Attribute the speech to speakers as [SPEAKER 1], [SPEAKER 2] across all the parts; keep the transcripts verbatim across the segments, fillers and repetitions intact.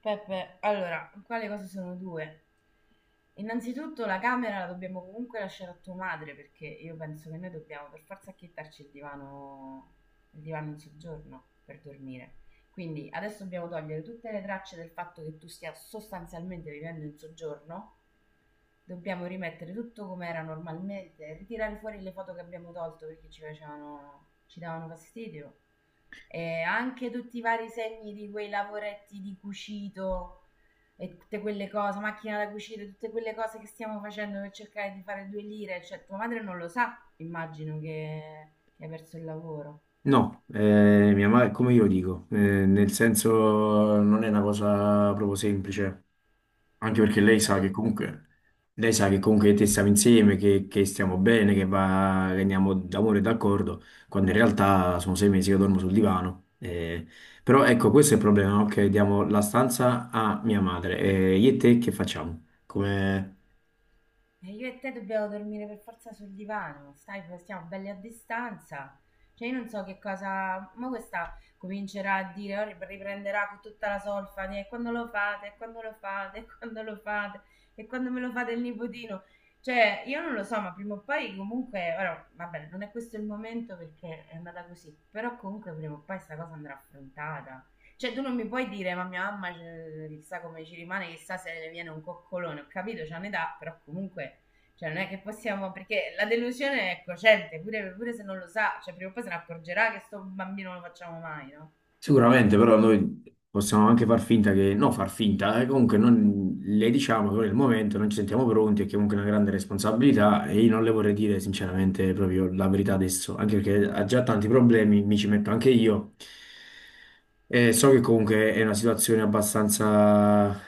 [SPEAKER 1] Peppe, allora, qua le cose sono due. Innanzitutto la camera la dobbiamo comunque lasciare a tua madre perché io penso che noi dobbiamo per forza acchittarci il divano, il divano in soggiorno per dormire. Quindi adesso dobbiamo togliere tutte le tracce del fatto che tu stia sostanzialmente vivendo in soggiorno. Dobbiamo rimettere tutto come era normalmente, ritirare fuori le foto che abbiamo tolto perché ci facevano, ci davano fastidio e anche tutti i vari segni di quei lavoretti di cucito e tutte quelle cose, macchina da cucire, tutte quelle cose che stiamo facendo per cercare di fare due lire, cioè tua madre non lo sa, immagino che, che hai perso il lavoro,
[SPEAKER 2] No, eh, mia madre, come io lo dico, eh, nel senso non è una cosa proprio semplice, anche perché lei
[SPEAKER 1] ma
[SPEAKER 2] sa
[SPEAKER 1] tu.
[SPEAKER 2] che comunque, lei sa che comunque te stiamo insieme, che, che stiamo bene, che, va, che andiamo d'amore e d'accordo, quando in realtà sono sei mesi che dormo sul divano. eh. Però ecco, questo è il problema, no? Che diamo la stanza a mia madre. E io e te che facciamo?
[SPEAKER 1] E io e te dobbiamo dormire per forza sul divano, stai, stiamo belli a distanza. Cioè, io non so che cosa. Ma questa comincerà a dire, "Oh, rip- riprenderà con tutta la solfa di, e quando lo fate, e quando lo fate, e quando lo fate, e quando me lo fate il nipotino." Cioè, io non lo so, ma prima o poi comunque. Ora, vabbè, non è questo il momento perché è andata così. Però comunque prima o poi questa cosa andrà affrontata. Cioè, tu non mi puoi dire, ma mia mamma eh, chissà come ci rimane, chissà se ne viene un coccolone. Ho capito, c'è un'età, però comunque, cioè, non è che possiamo, perché la delusione è cocente, pure, pure se non lo sa, cioè, prima o poi se ne accorgerà che sto bambino non lo facciamo mai, no?
[SPEAKER 2] Sicuramente, però noi possiamo anche far finta che, no, far finta, eh, comunque non, le diciamo che nel momento non ci sentiamo pronti e che comunque è una grande responsabilità e io non le vorrei dire sinceramente proprio la verità adesso, anche perché ha già tanti problemi, mi ci metto anche io eh, So che comunque è una situazione abbastanza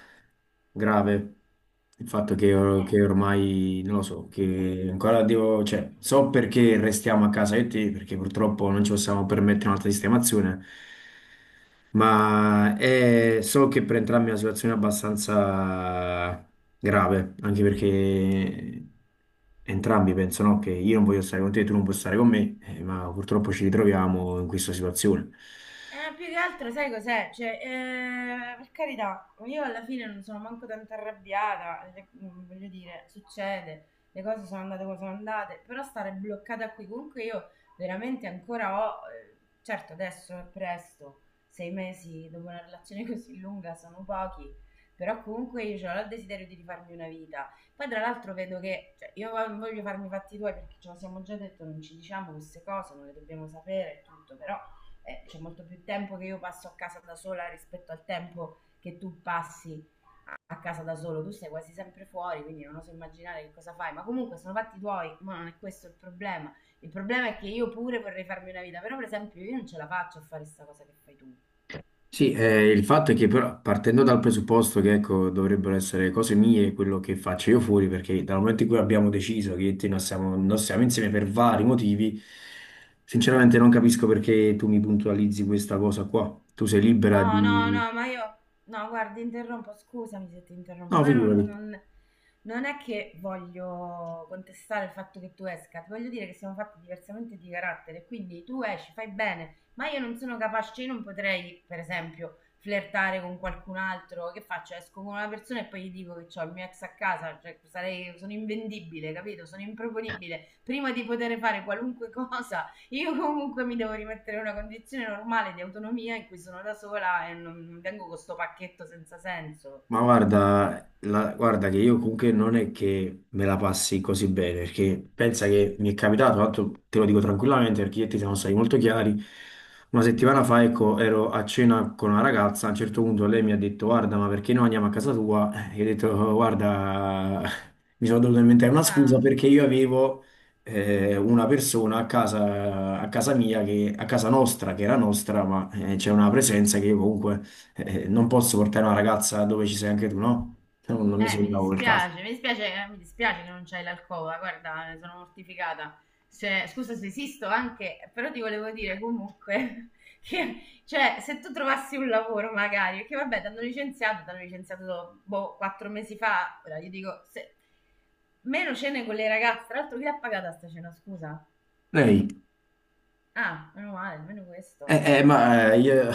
[SPEAKER 2] grave, il fatto che, or-
[SPEAKER 1] Eh.
[SPEAKER 2] che ormai, non lo so, che ancora devo, cioè, so perché restiamo a casa io e te, perché purtroppo non ci possiamo permettere un'altra sistemazione, ma è- so che per entrambi è una situazione abbastanza grave, anche perché entrambi pensano che io non voglio stare con te, tu non puoi stare con me, eh, ma purtroppo ci ritroviamo in questa situazione.
[SPEAKER 1] Eh, più che altro, sai cos'è? Cioè, eh, per carità, io alla fine non sono manco tanto arrabbiata, le- mm, voglio dire, succede, le cose sono andate come sono andate, però stare bloccata qui, comunque io veramente ancora ho, eh, certo adesso è presto, sei mesi dopo una relazione così lunga sono pochi, però comunque io cioè, ho il desiderio di rifarmi una vita. Poi tra l'altro vedo che, cioè, io non voglio farmi i fatti tuoi perché ce lo siamo già detto, non ci diciamo queste cose, non le dobbiamo sapere e tutto, però eh, c'è molto più tempo che io passo a casa da sola rispetto al tempo che tu passi a casa da solo, tu sei quasi sempre fuori, quindi non oso immaginare che cosa fai, ma comunque sono fatti tuoi, ma non è questo il problema. Il problema è che io pure vorrei farmi una vita, però per esempio io non ce la faccio a fare questa cosa che fai tu.
[SPEAKER 2] Sì, eh, il fatto è che però partendo dal presupposto che ecco, dovrebbero essere cose mie quello che faccio io fuori, perché dal momento in cui abbiamo deciso che io e te non siamo, non siamo insieme per vari motivi, sinceramente non capisco perché tu mi puntualizzi questa cosa qua. Tu sei libera
[SPEAKER 1] No, no,
[SPEAKER 2] di...
[SPEAKER 1] no, ma io... No, guarda, interrompo, scusami se ti interrompo,
[SPEAKER 2] No,
[SPEAKER 1] però
[SPEAKER 2] figurati.
[SPEAKER 1] non, non è che voglio contestare il fatto che tu esca, ti voglio dire che siamo fatti diversamente di carattere, quindi tu esci, fai bene, ma io non sono capace, io non potrei, per esempio, flirtare con qualcun altro, che faccio? Esco con una persona e poi gli dico che ho il mio ex a casa, cioè sarei, sono invendibile, capito? Sono improponibile, prima di poter fare qualunque cosa io comunque mi devo rimettere in una condizione normale di autonomia in cui sono da sola e non vengo con sto pacchetto senza senso.
[SPEAKER 2] Ma guarda, la- guarda che io comunque non è che me la passi così bene, perché pensa che mi è capitato, tanto te lo dico tranquillamente perché io e te siamo stati molto chiari, una settimana fa ecco, ero a cena con una ragazza, a un certo punto lei mi ha detto guarda ma perché noi andiamo a casa tua? E io ho detto "Oh, guarda, mi sono dovuto inventare una scusa
[SPEAKER 1] Ah,
[SPEAKER 2] perché io avevo eh, una persona a casa, a casa mia, che, a casa nostra, che era nostra, ma eh, c'è una presenza che io comunque eh, non posso portare una ragazza dove ci sei anche tu, no? Non, non mi
[SPEAKER 1] eh, mi
[SPEAKER 2] sembrava quel caso.
[SPEAKER 1] dispiace, mi dispiace, eh, mi dispiace che non c'hai l'alcova, guarda, ne sono mortificata. Cioè, scusa se esisto anche, però ti volevo dire comunque che, cioè, se tu trovassi un lavoro magari, perché vabbè, ti hanno licenziato, ti hanno licenziato, boh, quattro mesi fa, ora io dico, se, meno cene con le ragazze, tra l'altro chi l'ha pagata sta cena, scusa?
[SPEAKER 2] Lei?
[SPEAKER 1] Ah, meno male, almeno questo.
[SPEAKER 2] Eh, eh, ma eh, io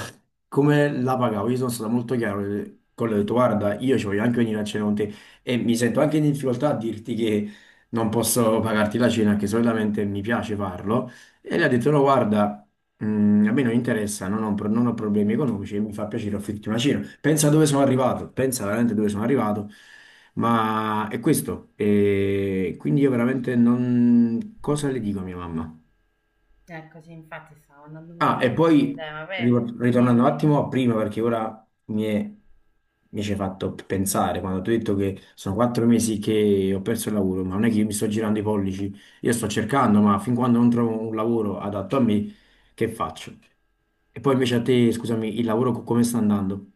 [SPEAKER 2] come la pagavo? Io sono stato molto chiaro eh, con lei, ho detto, guarda, io ci voglio anche venire a cena con te e mi sento anche in difficoltà a dirti che non posso pagarti la cena, che solitamente mi piace farlo. E lei ha detto, no, guarda, mm, a me non interessa, non ho, pro- non ho problemi economici, e mi fa piacere offrirti una cena. Pensa dove sono arrivato, pensa veramente dove sono arrivato, ma è questo. E quindi io veramente non... Cosa le dico a mia mamma?
[SPEAKER 1] Eccoci, infatti stavo andando
[SPEAKER 2] Ah, e
[SPEAKER 1] veramente
[SPEAKER 2] poi
[SPEAKER 1] fuori tema.
[SPEAKER 2] ri-
[SPEAKER 1] Vabbè,
[SPEAKER 2] ritornando un
[SPEAKER 1] dimmi.
[SPEAKER 2] attimo a prima, perché ora mi è- mi ci hai fatto pensare quando ti ho detto che sono quattro mesi che ho perso il lavoro, ma non è che io mi sto girando i pollici, io sto cercando, ma fin quando non trovo un lavoro adatto a me, che faccio? E poi invece a te, scusami, il lavoro co- come sta andando?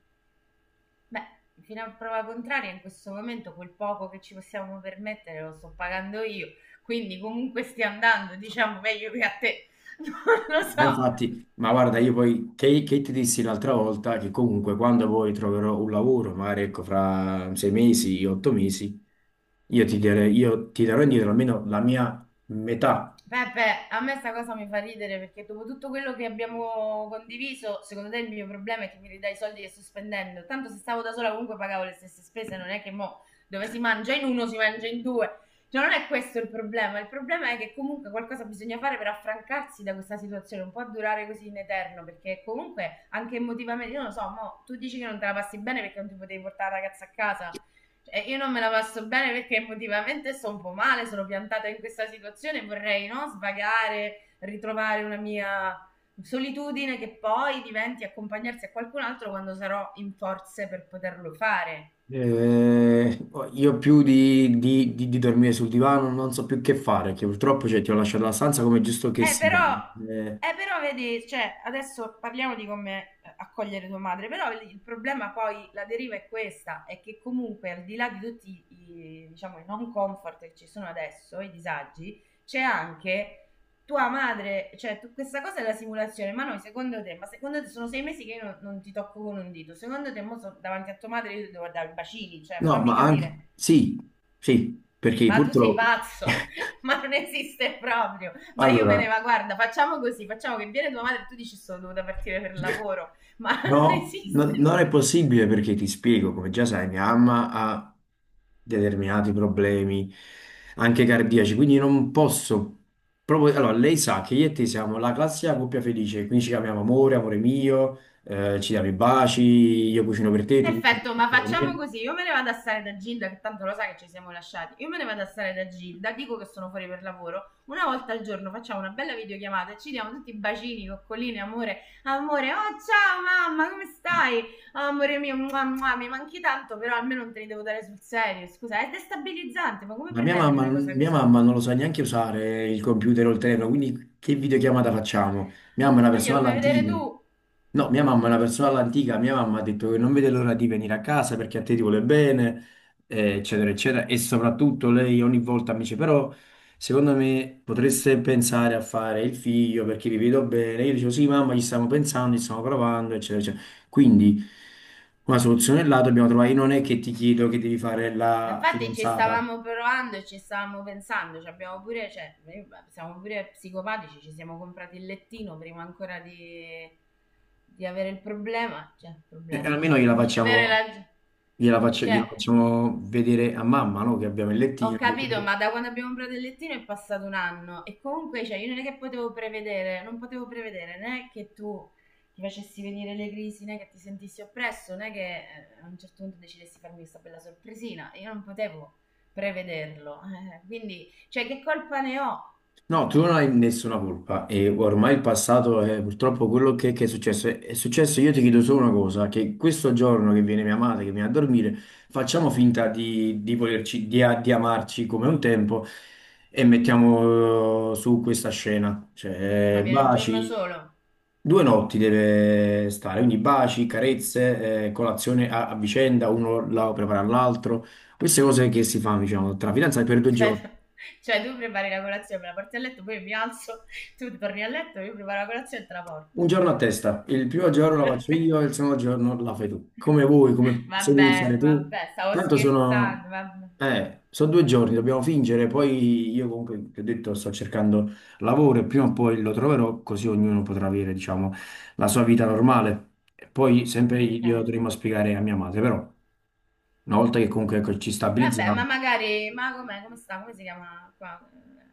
[SPEAKER 1] Beh, fino a prova contraria, in questo momento quel poco che ci possiamo permettere lo sto pagando io, quindi comunque stia andando, diciamo, meglio che a te. Non lo
[SPEAKER 2] Ma
[SPEAKER 1] so.
[SPEAKER 2] infatti, ma guarda, io poi che, che ti dissi l'altra volta che comunque quando poi troverò un lavoro, magari ecco fra sei mesi, otto mesi, io ti darei- io ti darò indietro almeno la mia metà.
[SPEAKER 1] Peppe, a me sta cosa mi fa ridere perché dopo tutto quello che abbiamo condiviso, secondo te il mio problema è che mi ridai i soldi che sto spendendo. Tanto se stavo da sola comunque pagavo le stesse spese, non è che mo dove si mangia in uno si mangia in due. Cioè non è questo il problema, il problema è che comunque qualcosa bisogna fare per affrancarsi da questa situazione, non può durare così in eterno perché comunque anche emotivamente, io non lo so, mo tu dici che non te la passi bene perché non ti potevi portare la ragazza a casa, cioè, io non me la passo bene perché emotivamente sto un po' male, sono piantata in questa situazione, vorrei no, svagare, ritrovare una mia solitudine che poi diventi accompagnarsi a qualcun altro quando sarò in forze per poterlo fare.
[SPEAKER 2] Eh, io più di, di- di- di dormire sul divano non so più che fare, che purtroppo cioè, ti ho lasciato la stanza come è giusto che
[SPEAKER 1] Eh,
[SPEAKER 2] sia.
[SPEAKER 1] però,
[SPEAKER 2] Eh,
[SPEAKER 1] eh, però vedi, cioè, adesso parliamo di come eh, accogliere tua madre, però il il problema poi, la deriva è questa, è che comunque al di là di tutti i, diciamo, i non comfort che ci sono adesso, i disagi, c'è anche tua madre, cioè tu- questa cosa è la simulazione, ma noi secondo te, ma secondo te sono sei mesi che io non, non ti tocco con un dito, secondo te mo so- davanti a tua madre io ti devo dare i bacini, cioè
[SPEAKER 2] no,
[SPEAKER 1] fammi
[SPEAKER 2] ma anche
[SPEAKER 1] capire.
[SPEAKER 2] sì, sì, perché
[SPEAKER 1] Ma tu sei
[SPEAKER 2] purtroppo...
[SPEAKER 1] pazzo, ma non esiste proprio. Ma io me ne
[SPEAKER 2] Allora,
[SPEAKER 1] va, guarda, facciamo così, facciamo che viene tua madre e tu dici sono dovuta partire per lavoro, ma non
[SPEAKER 2] no, no-
[SPEAKER 1] esiste.
[SPEAKER 2] non è possibile perché ti spiego, come già sai, mia mamma ha determinati problemi anche cardiaci, quindi non posso proprio... Allora, lei sa che io e te siamo la classica coppia felice, quindi ci chiamiamo amore, amore mio, eh, ci diamo i baci, io cucino per te, tu
[SPEAKER 1] Perfetto,
[SPEAKER 2] cucini
[SPEAKER 1] ma
[SPEAKER 2] per
[SPEAKER 1] facciamo
[SPEAKER 2] me.
[SPEAKER 1] così. Io me ne vado a stare da Gilda, che tanto lo sa che ci siamo lasciati. Io me ne vado a stare da Gilda, dico che sono fuori per lavoro. Una volta al giorno facciamo una bella videochiamata e ci diamo tutti bacini, coccoline, amore. Amore, oh ciao mamma, come stai? Oh, amore mio, mua, mua, mi manchi tanto, però almeno non te li devo dare sul serio. Scusa, è destabilizzante, ma come
[SPEAKER 2] Ma mia
[SPEAKER 1] pretendi
[SPEAKER 2] mamma,
[SPEAKER 1] una cosa
[SPEAKER 2] mia
[SPEAKER 1] così?
[SPEAKER 2] mamma non lo sa neanche usare il computer o il telefono, quindi che videochiamata facciamo? Mia mamma è una
[SPEAKER 1] Ma
[SPEAKER 2] persona
[SPEAKER 1] glielo fai vedere
[SPEAKER 2] all'antica.
[SPEAKER 1] tu.
[SPEAKER 2] No, mia mamma è una persona all'antica, mia mamma ha detto che non vede l'ora di venire a casa perché a te ti vuole bene, eh, eccetera, eccetera. E soprattutto lei ogni volta mi dice, però secondo me potreste pensare a fare il figlio perché vi vedo bene. Io dicevo, sì mamma, ci stiamo pensando, ci stiamo provando, eccetera, eccetera. Quindi una soluzione là dobbiamo trovare. Io non è che ti chiedo che devi fare
[SPEAKER 1] Ma
[SPEAKER 2] la
[SPEAKER 1] infatti ci
[SPEAKER 2] fidanzata.
[SPEAKER 1] stavamo provando e ci stavamo pensando, ci abbiamo pure, cioè, noi siamo pure psicopatici, ci siamo comprati il lettino prima ancora di, di avere il problema, cioè, il
[SPEAKER 2] Eh,
[SPEAKER 1] problema,
[SPEAKER 2] almeno
[SPEAKER 1] vabbè,
[SPEAKER 2] gliela
[SPEAKER 1] di avere
[SPEAKER 2] facciamo,
[SPEAKER 1] la...
[SPEAKER 2] gliela faccio- gliela
[SPEAKER 1] Cioè,
[SPEAKER 2] facciamo vedere a mamma, no? Che abbiamo il
[SPEAKER 1] ho
[SPEAKER 2] lettino. che-
[SPEAKER 1] capito, ma da quando abbiamo comprato il lettino è passato un anno e comunque, cioè, io non è che potevo prevedere, non potevo prevedere né che tu ti facessi venire le crisi, né che ti sentissi oppresso, né che eh, a un certo punto decidessi farmi questa bella sorpresina. Io non potevo prevederlo. Eh, quindi, cioè, che colpa ne ho?
[SPEAKER 2] No, tu non hai nessuna colpa e ormai il passato è purtroppo quello che, che è successo. È è successo, io ti chiedo solo una cosa, che questo giorno che viene mia madre, che viene a dormire, facciamo finta di, di volerci, di, a- di amarci come un tempo e mettiamo eh, su questa scena.
[SPEAKER 1] Ma
[SPEAKER 2] Cioè,
[SPEAKER 1] viene un giorno
[SPEAKER 2] baci,
[SPEAKER 1] solo.
[SPEAKER 2] due notti deve stare, quindi baci, carezze, eh, colazione a, a vicenda, uno la prepara all'altro. Queste cose che si fanno, diciamo, tra fidanzati per due
[SPEAKER 1] Cioè,
[SPEAKER 2] giorni.
[SPEAKER 1] cioè, tu prepari la colazione, me la porti a letto, poi mi alzo, tu torni a letto, io preparo la colazione e te la porto.
[SPEAKER 2] Un giorno a testa, il primo giorno la faccio
[SPEAKER 1] Perché?
[SPEAKER 2] io e il secondo giorno la fai tu. Come vuoi, come se vuoi
[SPEAKER 1] Vabbè,
[SPEAKER 2] iniziare tu.
[SPEAKER 1] vabbè, stavo
[SPEAKER 2] Tanto sono,
[SPEAKER 1] scherzando, vabbè.
[SPEAKER 2] eh, sono due giorni, dobbiamo fingere. Poi io comunque, ti ho detto, sto cercando lavoro e prima o poi lo troverò, così ognuno potrà avere, diciamo, la sua vita normale. E poi sempre
[SPEAKER 1] Ok.
[SPEAKER 2] io dovremmo spiegare a mia madre, però, una volta che comunque ecco, ci
[SPEAKER 1] Vabbè,
[SPEAKER 2] stabilizziamo,
[SPEAKER 1] ma magari, ma com'è, come sta, come si chiama qua?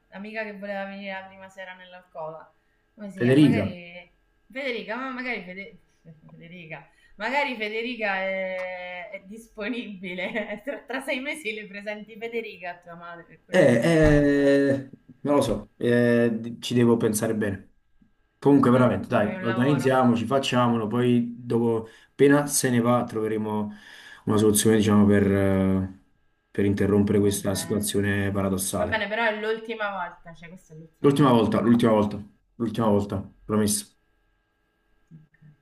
[SPEAKER 1] L'amica che voleva venire la prima sera nell'alcova. Come si chiama?
[SPEAKER 2] Federica.
[SPEAKER 1] Magari Federica, ma magari Fede- Federica, magari Federica è, è disponibile. Tra, tra sei mesi le presenti Federica a tua madre, per
[SPEAKER 2] Eh,
[SPEAKER 1] quello che mi riguarda. Eh.
[SPEAKER 2] eh, Non lo so, eh, di- ci devo pensare bene. Comunque,
[SPEAKER 1] L'importante è che
[SPEAKER 2] veramente,
[SPEAKER 1] ti trovi
[SPEAKER 2] dai,
[SPEAKER 1] un lavoro.
[SPEAKER 2] organizziamoci, facciamolo, poi dopo, appena se ne va, troveremo una soluzione, diciamo, per, eh, per interrompere
[SPEAKER 1] Va
[SPEAKER 2] questa
[SPEAKER 1] bene.
[SPEAKER 2] situazione
[SPEAKER 1] Va
[SPEAKER 2] paradossale.
[SPEAKER 1] bene, però è l'ultima volta, cioè questa è l'ultima
[SPEAKER 2] L'ultima volta,
[SPEAKER 1] volta.
[SPEAKER 2] l'ultima volta, l'ultima volta, promesso.
[SPEAKER 1] Ok.